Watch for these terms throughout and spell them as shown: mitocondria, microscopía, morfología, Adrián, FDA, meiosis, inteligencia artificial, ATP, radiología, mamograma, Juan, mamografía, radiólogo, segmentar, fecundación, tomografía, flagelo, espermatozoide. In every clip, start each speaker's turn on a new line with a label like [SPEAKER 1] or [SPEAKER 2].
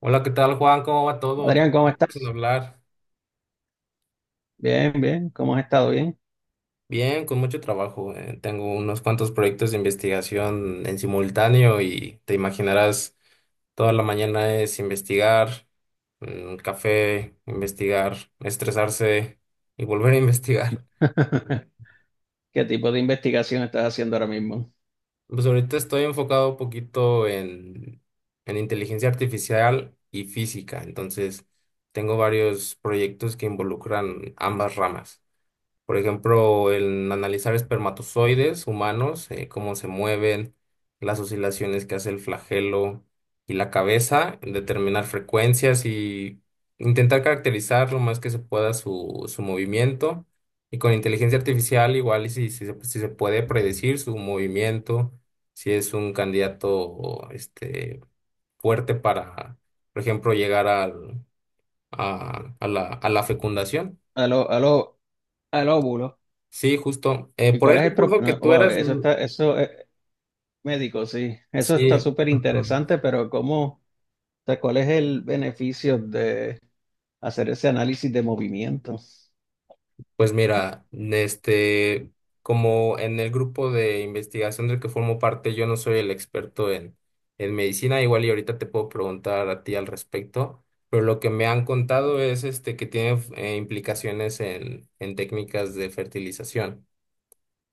[SPEAKER 1] Hola, ¿qué tal, Juan? ¿Cómo va todo? Tanto
[SPEAKER 2] Adrián, ¿cómo
[SPEAKER 1] tiempo sin
[SPEAKER 2] estás?
[SPEAKER 1] hablar.
[SPEAKER 2] Bien, bien, ¿cómo has estado? Bien.
[SPEAKER 1] Bien, con mucho trabajo. Tengo unos cuantos proyectos de investigación en simultáneo y te imaginarás, toda la mañana es investigar, café, investigar, estresarse y volver a investigar.
[SPEAKER 2] ¿Qué tipo de investigación estás haciendo ahora mismo?
[SPEAKER 1] Pues ahorita estoy enfocado un poquito en inteligencia artificial y física, entonces tengo varios proyectos que involucran ambas ramas. Por ejemplo, el analizar espermatozoides humanos, cómo se mueven, las oscilaciones que hace el flagelo y la cabeza, determinar frecuencias y intentar caracterizar lo más que se pueda su movimiento. Y con inteligencia artificial, igual, y si se puede predecir su movimiento, si es un candidato este, fuerte para, por ejemplo, llegar a la fecundación.
[SPEAKER 2] A lo, a lo- al óvulo.
[SPEAKER 1] Sí, justo.
[SPEAKER 2] ¿Y
[SPEAKER 1] Por
[SPEAKER 2] cuál
[SPEAKER 1] ahí
[SPEAKER 2] es el pro-
[SPEAKER 1] recuerdo que
[SPEAKER 2] No,
[SPEAKER 1] tú
[SPEAKER 2] wow,
[SPEAKER 1] eras,
[SPEAKER 2] eso
[SPEAKER 1] mm,
[SPEAKER 2] está, eso es médico, sí. Eso está
[SPEAKER 1] sí,
[SPEAKER 2] súper
[SPEAKER 1] ajá.
[SPEAKER 2] interesante, pero ¿cómo, o sea, cuál es el beneficio de hacer ese análisis de movimiento?
[SPEAKER 1] Pues mira, este, como en el grupo de investigación del que formo parte, yo no soy el experto en, medicina, igual y ahorita te puedo preguntar a ti al respecto, pero lo que me han contado es este que tiene implicaciones en técnicas de fertilización.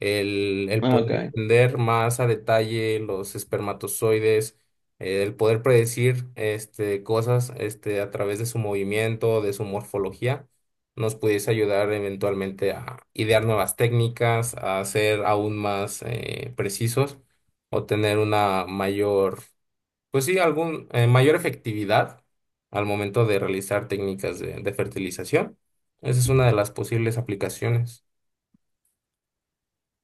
[SPEAKER 1] El
[SPEAKER 2] Ah,
[SPEAKER 1] poder
[SPEAKER 2] Ok.
[SPEAKER 1] entender más a detalle los espermatozoides, el poder predecir este, cosas este, a través de su movimiento, de su morfología, nos pudiese ayudar eventualmente a idear nuevas técnicas, a ser aún más precisos o tener una mayor, pues sí, mayor efectividad al momento de realizar técnicas de fertilización. Esa es una de las posibles aplicaciones.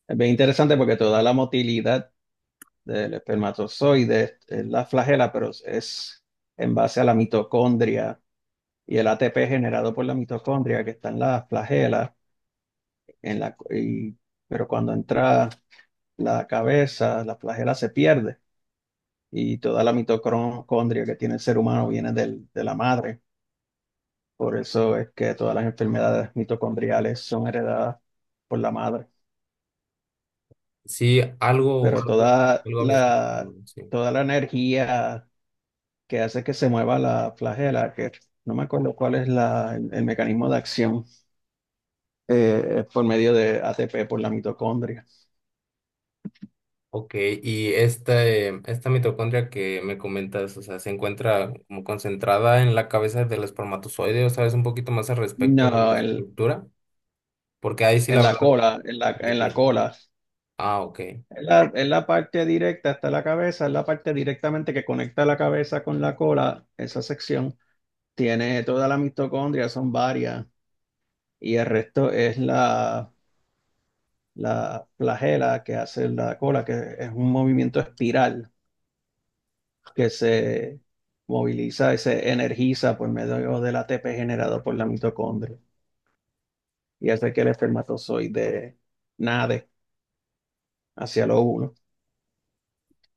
[SPEAKER 2] Es bien interesante porque toda la motilidad del espermatozoide es la flagela, pero es en base a la mitocondria y el ATP generado por la mitocondria que está en las flagelas, en la, y- pero cuando entra la cabeza, la flagela se pierde y toda la mitocondria que tiene el ser humano viene de la madre. Por eso es que todas las enfermedades mitocondriales son heredadas por la madre.
[SPEAKER 1] Sí, algo,
[SPEAKER 2] Pero
[SPEAKER 1] algo,
[SPEAKER 2] toda
[SPEAKER 1] algo había escuchado,
[SPEAKER 2] la,
[SPEAKER 1] sí.
[SPEAKER 2] toda la energía que hace que se mueva la flagela, que no me acuerdo cuál es el mecanismo de acción, es por medio de ATP por la mitocondria.
[SPEAKER 1] Ok, y esta mitocondria que me comentas, o sea, se encuentra como concentrada en la cabeza del espermatozoide, ¿o sabes un poquito más al respecto de la
[SPEAKER 2] No, en,
[SPEAKER 1] estructura? Porque ahí sí
[SPEAKER 2] en
[SPEAKER 1] la
[SPEAKER 2] la
[SPEAKER 1] verdad
[SPEAKER 2] cola, en la,
[SPEAKER 1] de
[SPEAKER 2] en la
[SPEAKER 1] piel.
[SPEAKER 2] cola.
[SPEAKER 1] Ah, ok,
[SPEAKER 2] Es la parte directa hasta la cabeza, es la parte directamente que conecta la cabeza con la cola, esa sección. Tiene toda la mitocondria, son varias, y el resto es la flagela que hace la cola, que es un movimiento espiral que se moviliza y se energiza por medio del ATP generado por la mitocondria y hace que el espermatozoide nade hacia lo uno.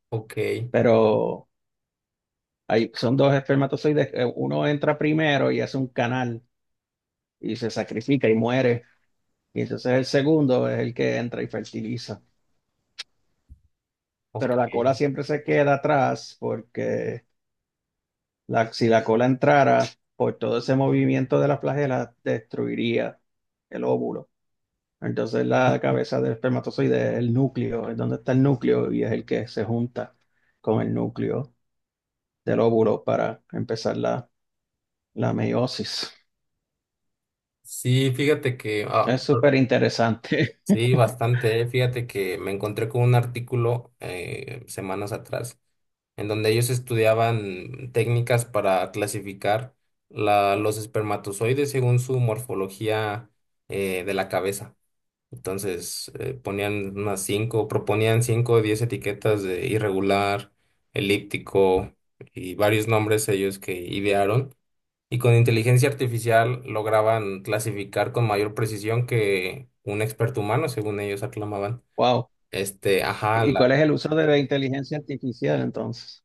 [SPEAKER 1] ok,
[SPEAKER 2] Pero son dos espermatozoides, uno entra primero y hace un canal y se sacrifica y muere, y entonces el segundo es el que entra y fertiliza. Pero la cola
[SPEAKER 1] ok.
[SPEAKER 2] siempre se queda atrás porque si la cola entrara, por todo ese movimiento de la flagela, destruiría el óvulo. Entonces la cabeza del espermatozoide es el núcleo, es donde está el núcleo y es el que se junta con el núcleo del óvulo para empezar la meiosis.
[SPEAKER 1] Sí, fíjate que ah.
[SPEAKER 2] Es súper interesante.
[SPEAKER 1] Sí, bastante. Fíjate que me encontré con un artículo semanas atrás en donde ellos estudiaban técnicas para clasificar los espermatozoides según su morfología de la cabeza. Entonces, proponían cinco o 10 etiquetas de irregular, elíptico y varios nombres ellos que idearon. Y con inteligencia artificial lograban clasificar con mayor precisión que un experto humano, según ellos aclamaban.
[SPEAKER 2] Wow.
[SPEAKER 1] Este, ajá,
[SPEAKER 2] ¿Y cuál es el uso de la inteligencia artificial entonces?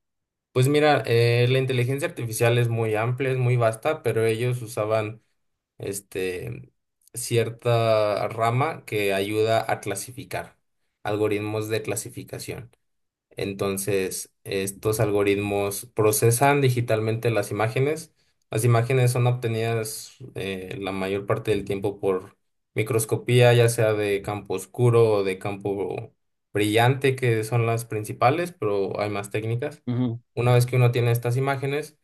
[SPEAKER 1] pues mira, la inteligencia artificial es muy amplia, es muy vasta, pero ellos usaban este cierta rama que ayuda a clasificar, algoritmos de clasificación. Entonces, estos algoritmos procesan digitalmente las imágenes. Las imágenes son obtenidas la mayor parte del tiempo por microscopía, ya sea de campo oscuro o de campo brillante, que son las principales, pero hay más técnicas.
[SPEAKER 2] Ujú.
[SPEAKER 1] Una vez que uno tiene estas imágenes,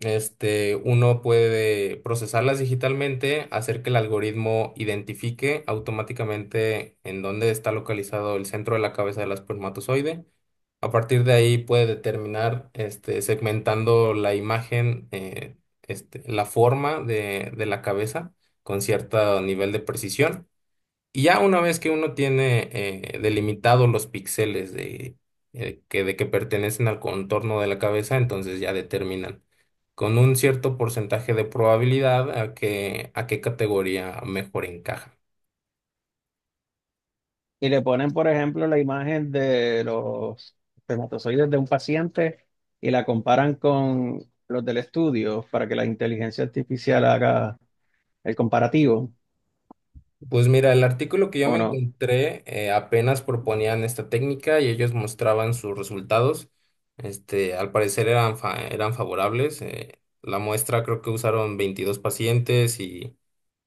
[SPEAKER 1] este, uno puede procesarlas digitalmente, hacer que el algoritmo identifique automáticamente en dónde está localizado el centro de la cabeza del espermatozoide a partir de ahí puede determinar, este, segmentando la imagen, este, la forma de la cabeza con cierto nivel de precisión. Y ya una vez que uno tiene delimitados los píxeles de que pertenecen al contorno de la cabeza, entonces ya determinan con un cierto porcentaje de probabilidad a qué categoría mejor encaja.
[SPEAKER 2] Y le ponen, por ejemplo, la imagen de los espermatozoides de un paciente y la comparan con los del estudio para que la inteligencia artificial haga el comparativo,
[SPEAKER 1] Pues mira, el artículo que yo
[SPEAKER 2] ¿o
[SPEAKER 1] me
[SPEAKER 2] no?
[SPEAKER 1] encontré apenas proponían esta técnica y ellos mostraban sus resultados. Este, al parecer eran favorables. La muestra creo que usaron 22 pacientes y,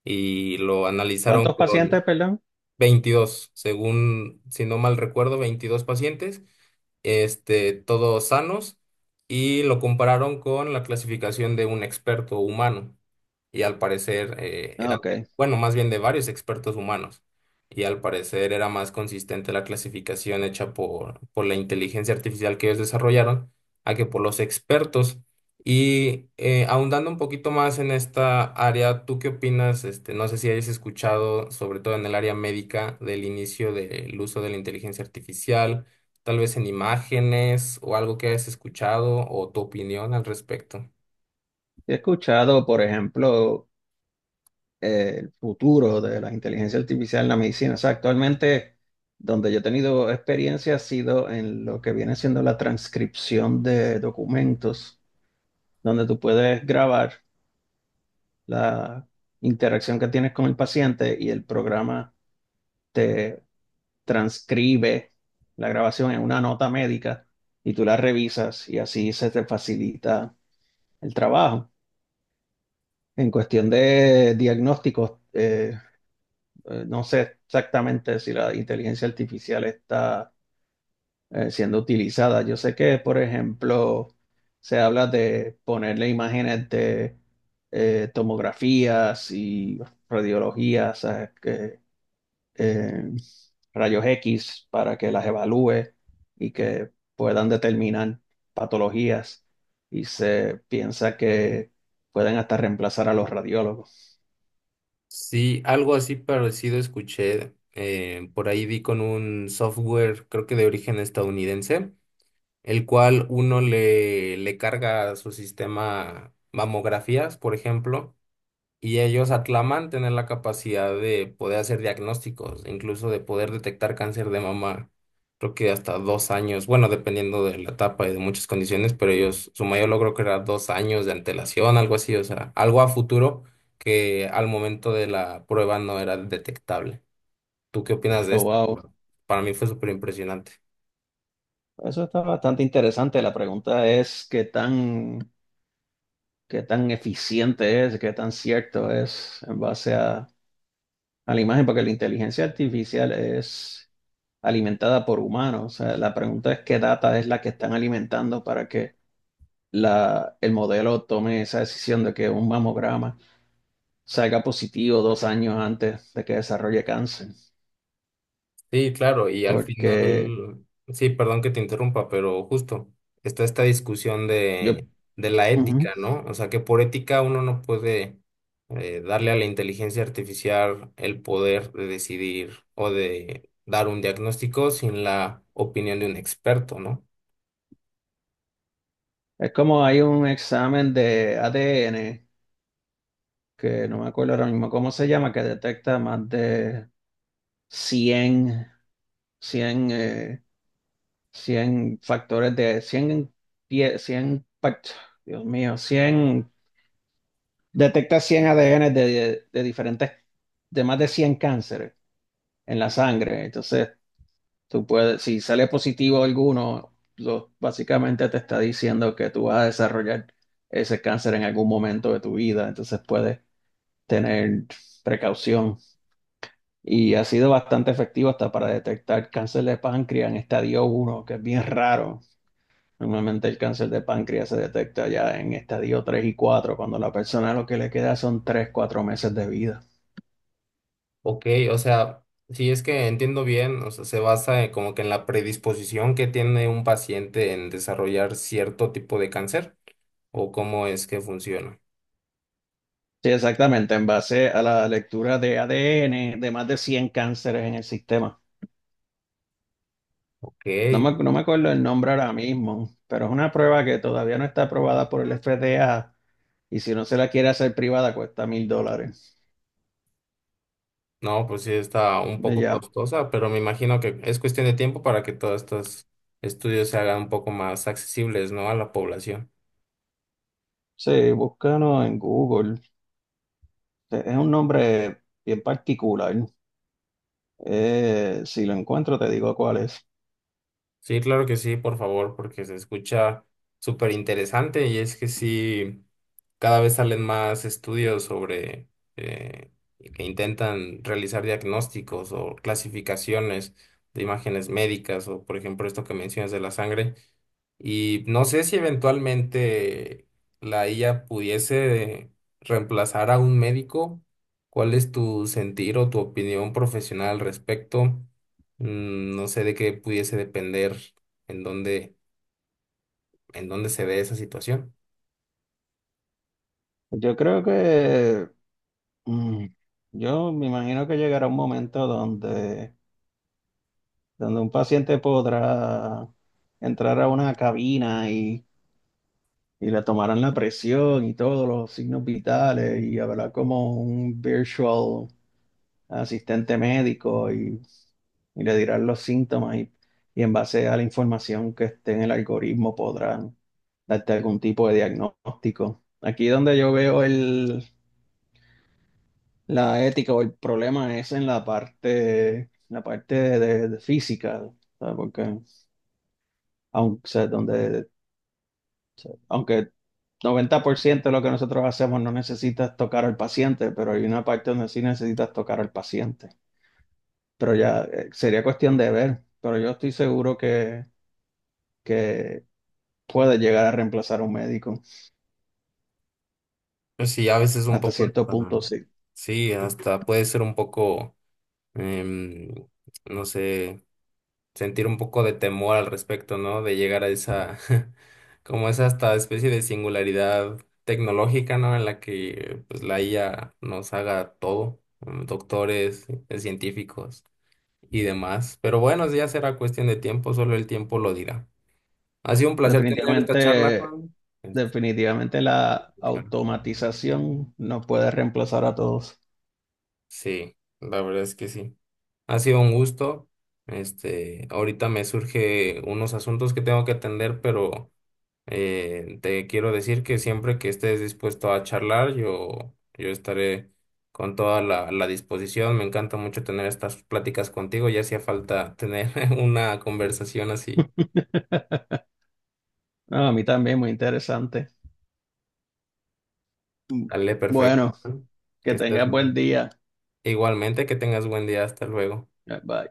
[SPEAKER 1] y lo analizaron
[SPEAKER 2] ¿Cuántos pacientes, perdón?
[SPEAKER 1] 22 según, si no mal recuerdo, 22 pacientes, este, todos sanos, y lo compararon con la clasificación de un experto humano. Y al parecer
[SPEAKER 2] Ah,
[SPEAKER 1] eran,
[SPEAKER 2] Ok.
[SPEAKER 1] bueno, más bien de varios expertos humanos. Y al parecer era más consistente la clasificación hecha por la inteligencia artificial que ellos desarrollaron a que por los expertos. Y ahondando un poquito más en esta área, ¿tú qué opinas? Este, no sé si hayas escuchado, sobre todo en el área médica, del inicio del uso de la inteligencia artificial, tal vez en imágenes o algo que hayas escuchado o tu opinión al respecto.
[SPEAKER 2] He escuchado, por ejemplo, el futuro de la inteligencia artificial en la medicina. O sea, actualmente donde yo he tenido experiencia ha sido en lo que viene siendo la transcripción de documentos, donde tú puedes grabar la interacción que tienes con el paciente y el programa te transcribe la grabación en una nota médica y tú la revisas y así se te facilita el trabajo. En cuestión de diagnósticos, no sé exactamente si la inteligencia artificial está siendo utilizada. Yo sé que, por ejemplo, se habla de ponerle imágenes de tomografías y radiologías, eh, rayos X para que las evalúe y que puedan determinar patologías. Y se piensa que pueden hasta reemplazar a los radiólogos.
[SPEAKER 1] Sí, algo así parecido escuché. Por ahí vi con un software, creo que de origen estadounidense, el cual uno le carga a su sistema mamografías, por ejemplo. Y ellos aclaman tener la capacidad de poder hacer diagnósticos, incluso de poder detectar cáncer de mama, creo que hasta 2 años, bueno, dependiendo de la etapa y de muchas condiciones, pero ellos, su mayor logro que era 2 años de antelación, algo así, o sea, algo a futuro que al momento de la prueba no era detectable. ¿Tú qué opinas de
[SPEAKER 2] Oh,
[SPEAKER 1] esto?
[SPEAKER 2] wow.
[SPEAKER 1] Bueno, para mí fue súper impresionante.
[SPEAKER 2] Eso está bastante interesante. La pregunta es qué tan eficiente es, qué tan cierto es en base a la imagen, porque la inteligencia artificial es alimentada por humanos. O sea, la pregunta es qué data es la que están alimentando para que el modelo tome esa decisión de que un mamograma salga positivo 2 años antes de que desarrolle cáncer.
[SPEAKER 1] Sí, claro, y al
[SPEAKER 2] Porque
[SPEAKER 1] final, sí, perdón que te interrumpa, pero justo está esta discusión
[SPEAKER 2] yo,
[SPEAKER 1] de, la
[SPEAKER 2] ujú.
[SPEAKER 1] ética, ¿no? O sea, que por ética uno no puede darle a la inteligencia artificial el poder de decidir o de dar un diagnóstico sin la opinión de un experto, ¿no?
[SPEAKER 2] Es como hay un examen de ADN que no me acuerdo ahora mismo cómo se llama, que detecta más de 100 100 100 factores de 100 100, Dios mío, 100 detecta 100 ADN de diferentes, de más de 100 cánceres en la sangre. Entonces, tú puedes, si sale positivo alguno, básicamente te está diciendo que tú vas a desarrollar ese cáncer en algún momento de tu vida. Entonces, puedes tener precaución. Y ha sido bastante efectivo hasta para detectar cáncer de páncreas en estadio uno que es bien raro. Normalmente el cáncer de páncreas se detecta ya en estadio 3 y 4 cuando la persona lo que le queda son 3 4 meses de vida.
[SPEAKER 1] Ok, o sea, si es que entiendo bien, o sea, se basa en como que en la predisposición que tiene un paciente en desarrollar cierto tipo de cáncer o cómo es que funciona.
[SPEAKER 2] Sí, exactamente, en base a la lectura de ADN de más de 100 cánceres en el sistema.
[SPEAKER 1] Ok,
[SPEAKER 2] No me acuerdo el nombre ahora mismo, pero es una prueba que todavía no está aprobada por el FDA y si no se la quiere hacer privada cuesta $1,000.
[SPEAKER 1] no, pues sí está un poco
[SPEAKER 2] Ya
[SPEAKER 1] costosa, pero me imagino que es cuestión de tiempo para que todos estos estudios se hagan un poco más accesibles, ¿no? A la población.
[SPEAKER 2] sí, búscanos en Google. Es un nombre bien particular. Si lo encuentro, te digo cuál es.
[SPEAKER 1] Sí, claro que sí, por favor, porque se escucha súper interesante y es que sí, cada vez salen más estudios sobre eh, que intentan realizar diagnósticos o clasificaciones de imágenes médicas o, por ejemplo, esto que mencionas de la sangre. Y no sé si eventualmente la IA pudiese reemplazar a un médico. ¿Cuál es tu sentir o tu opinión profesional al respecto? No sé de qué pudiese depender en dónde, en dónde se ve esa situación.
[SPEAKER 2] Yo creo que mm, yo me imagino que llegará un momento donde un paciente podrá entrar a una cabina y, le tomarán la presión y todos los signos vitales y habrá como un virtual asistente médico y, le dirán los síntomas y, en base a la información que esté en el algoritmo podrán darte algún tipo de diagnóstico. Aquí donde yo veo la ética o el problema es en la parte de física, ¿sabes? Porque aunque, o sea, aunque 90% de lo que nosotros hacemos no necesitas tocar al paciente, pero hay una parte donde sí necesitas tocar al paciente. Pero ya sería cuestión de ver, pero yo estoy seguro que puede llegar a reemplazar a un médico,
[SPEAKER 1] Pues sí, a veces un
[SPEAKER 2] hasta
[SPEAKER 1] poco,
[SPEAKER 2] cierto punto sí.
[SPEAKER 1] sí, hasta puede ser un poco, em, no sé. Sentir un poco de temor al respecto, ¿no? De llegar a esa, como esa hasta especie de singularidad tecnológica, ¿no? En la que pues la IA nos haga todo, doctores, científicos y demás. Pero bueno, ya será cuestión de tiempo, solo el tiempo lo dirá. Ha sido un placer tener esta charla,
[SPEAKER 2] Definitivamente,
[SPEAKER 1] Juan. Este,
[SPEAKER 2] definitivamente la
[SPEAKER 1] claro.
[SPEAKER 2] automatización no puede reemplazar a todos.
[SPEAKER 1] Sí, la verdad es que sí. Ha sido un gusto. Este, ahorita me surge unos asuntos que tengo que atender, pero te quiero decir que siempre que estés dispuesto a charlar, yo estaré con toda la disposición. Me encanta mucho tener estas pláticas contigo. Ya hacía falta tener una conversación así.
[SPEAKER 2] No, a mí también, muy interesante. Mm,
[SPEAKER 1] Dale, perfecto.
[SPEAKER 2] Bueno, que
[SPEAKER 1] Que estés
[SPEAKER 2] tengas
[SPEAKER 1] muy
[SPEAKER 2] buen
[SPEAKER 1] bien.
[SPEAKER 2] día.
[SPEAKER 1] Igualmente, que tengas buen día. Hasta luego.
[SPEAKER 2] Bye.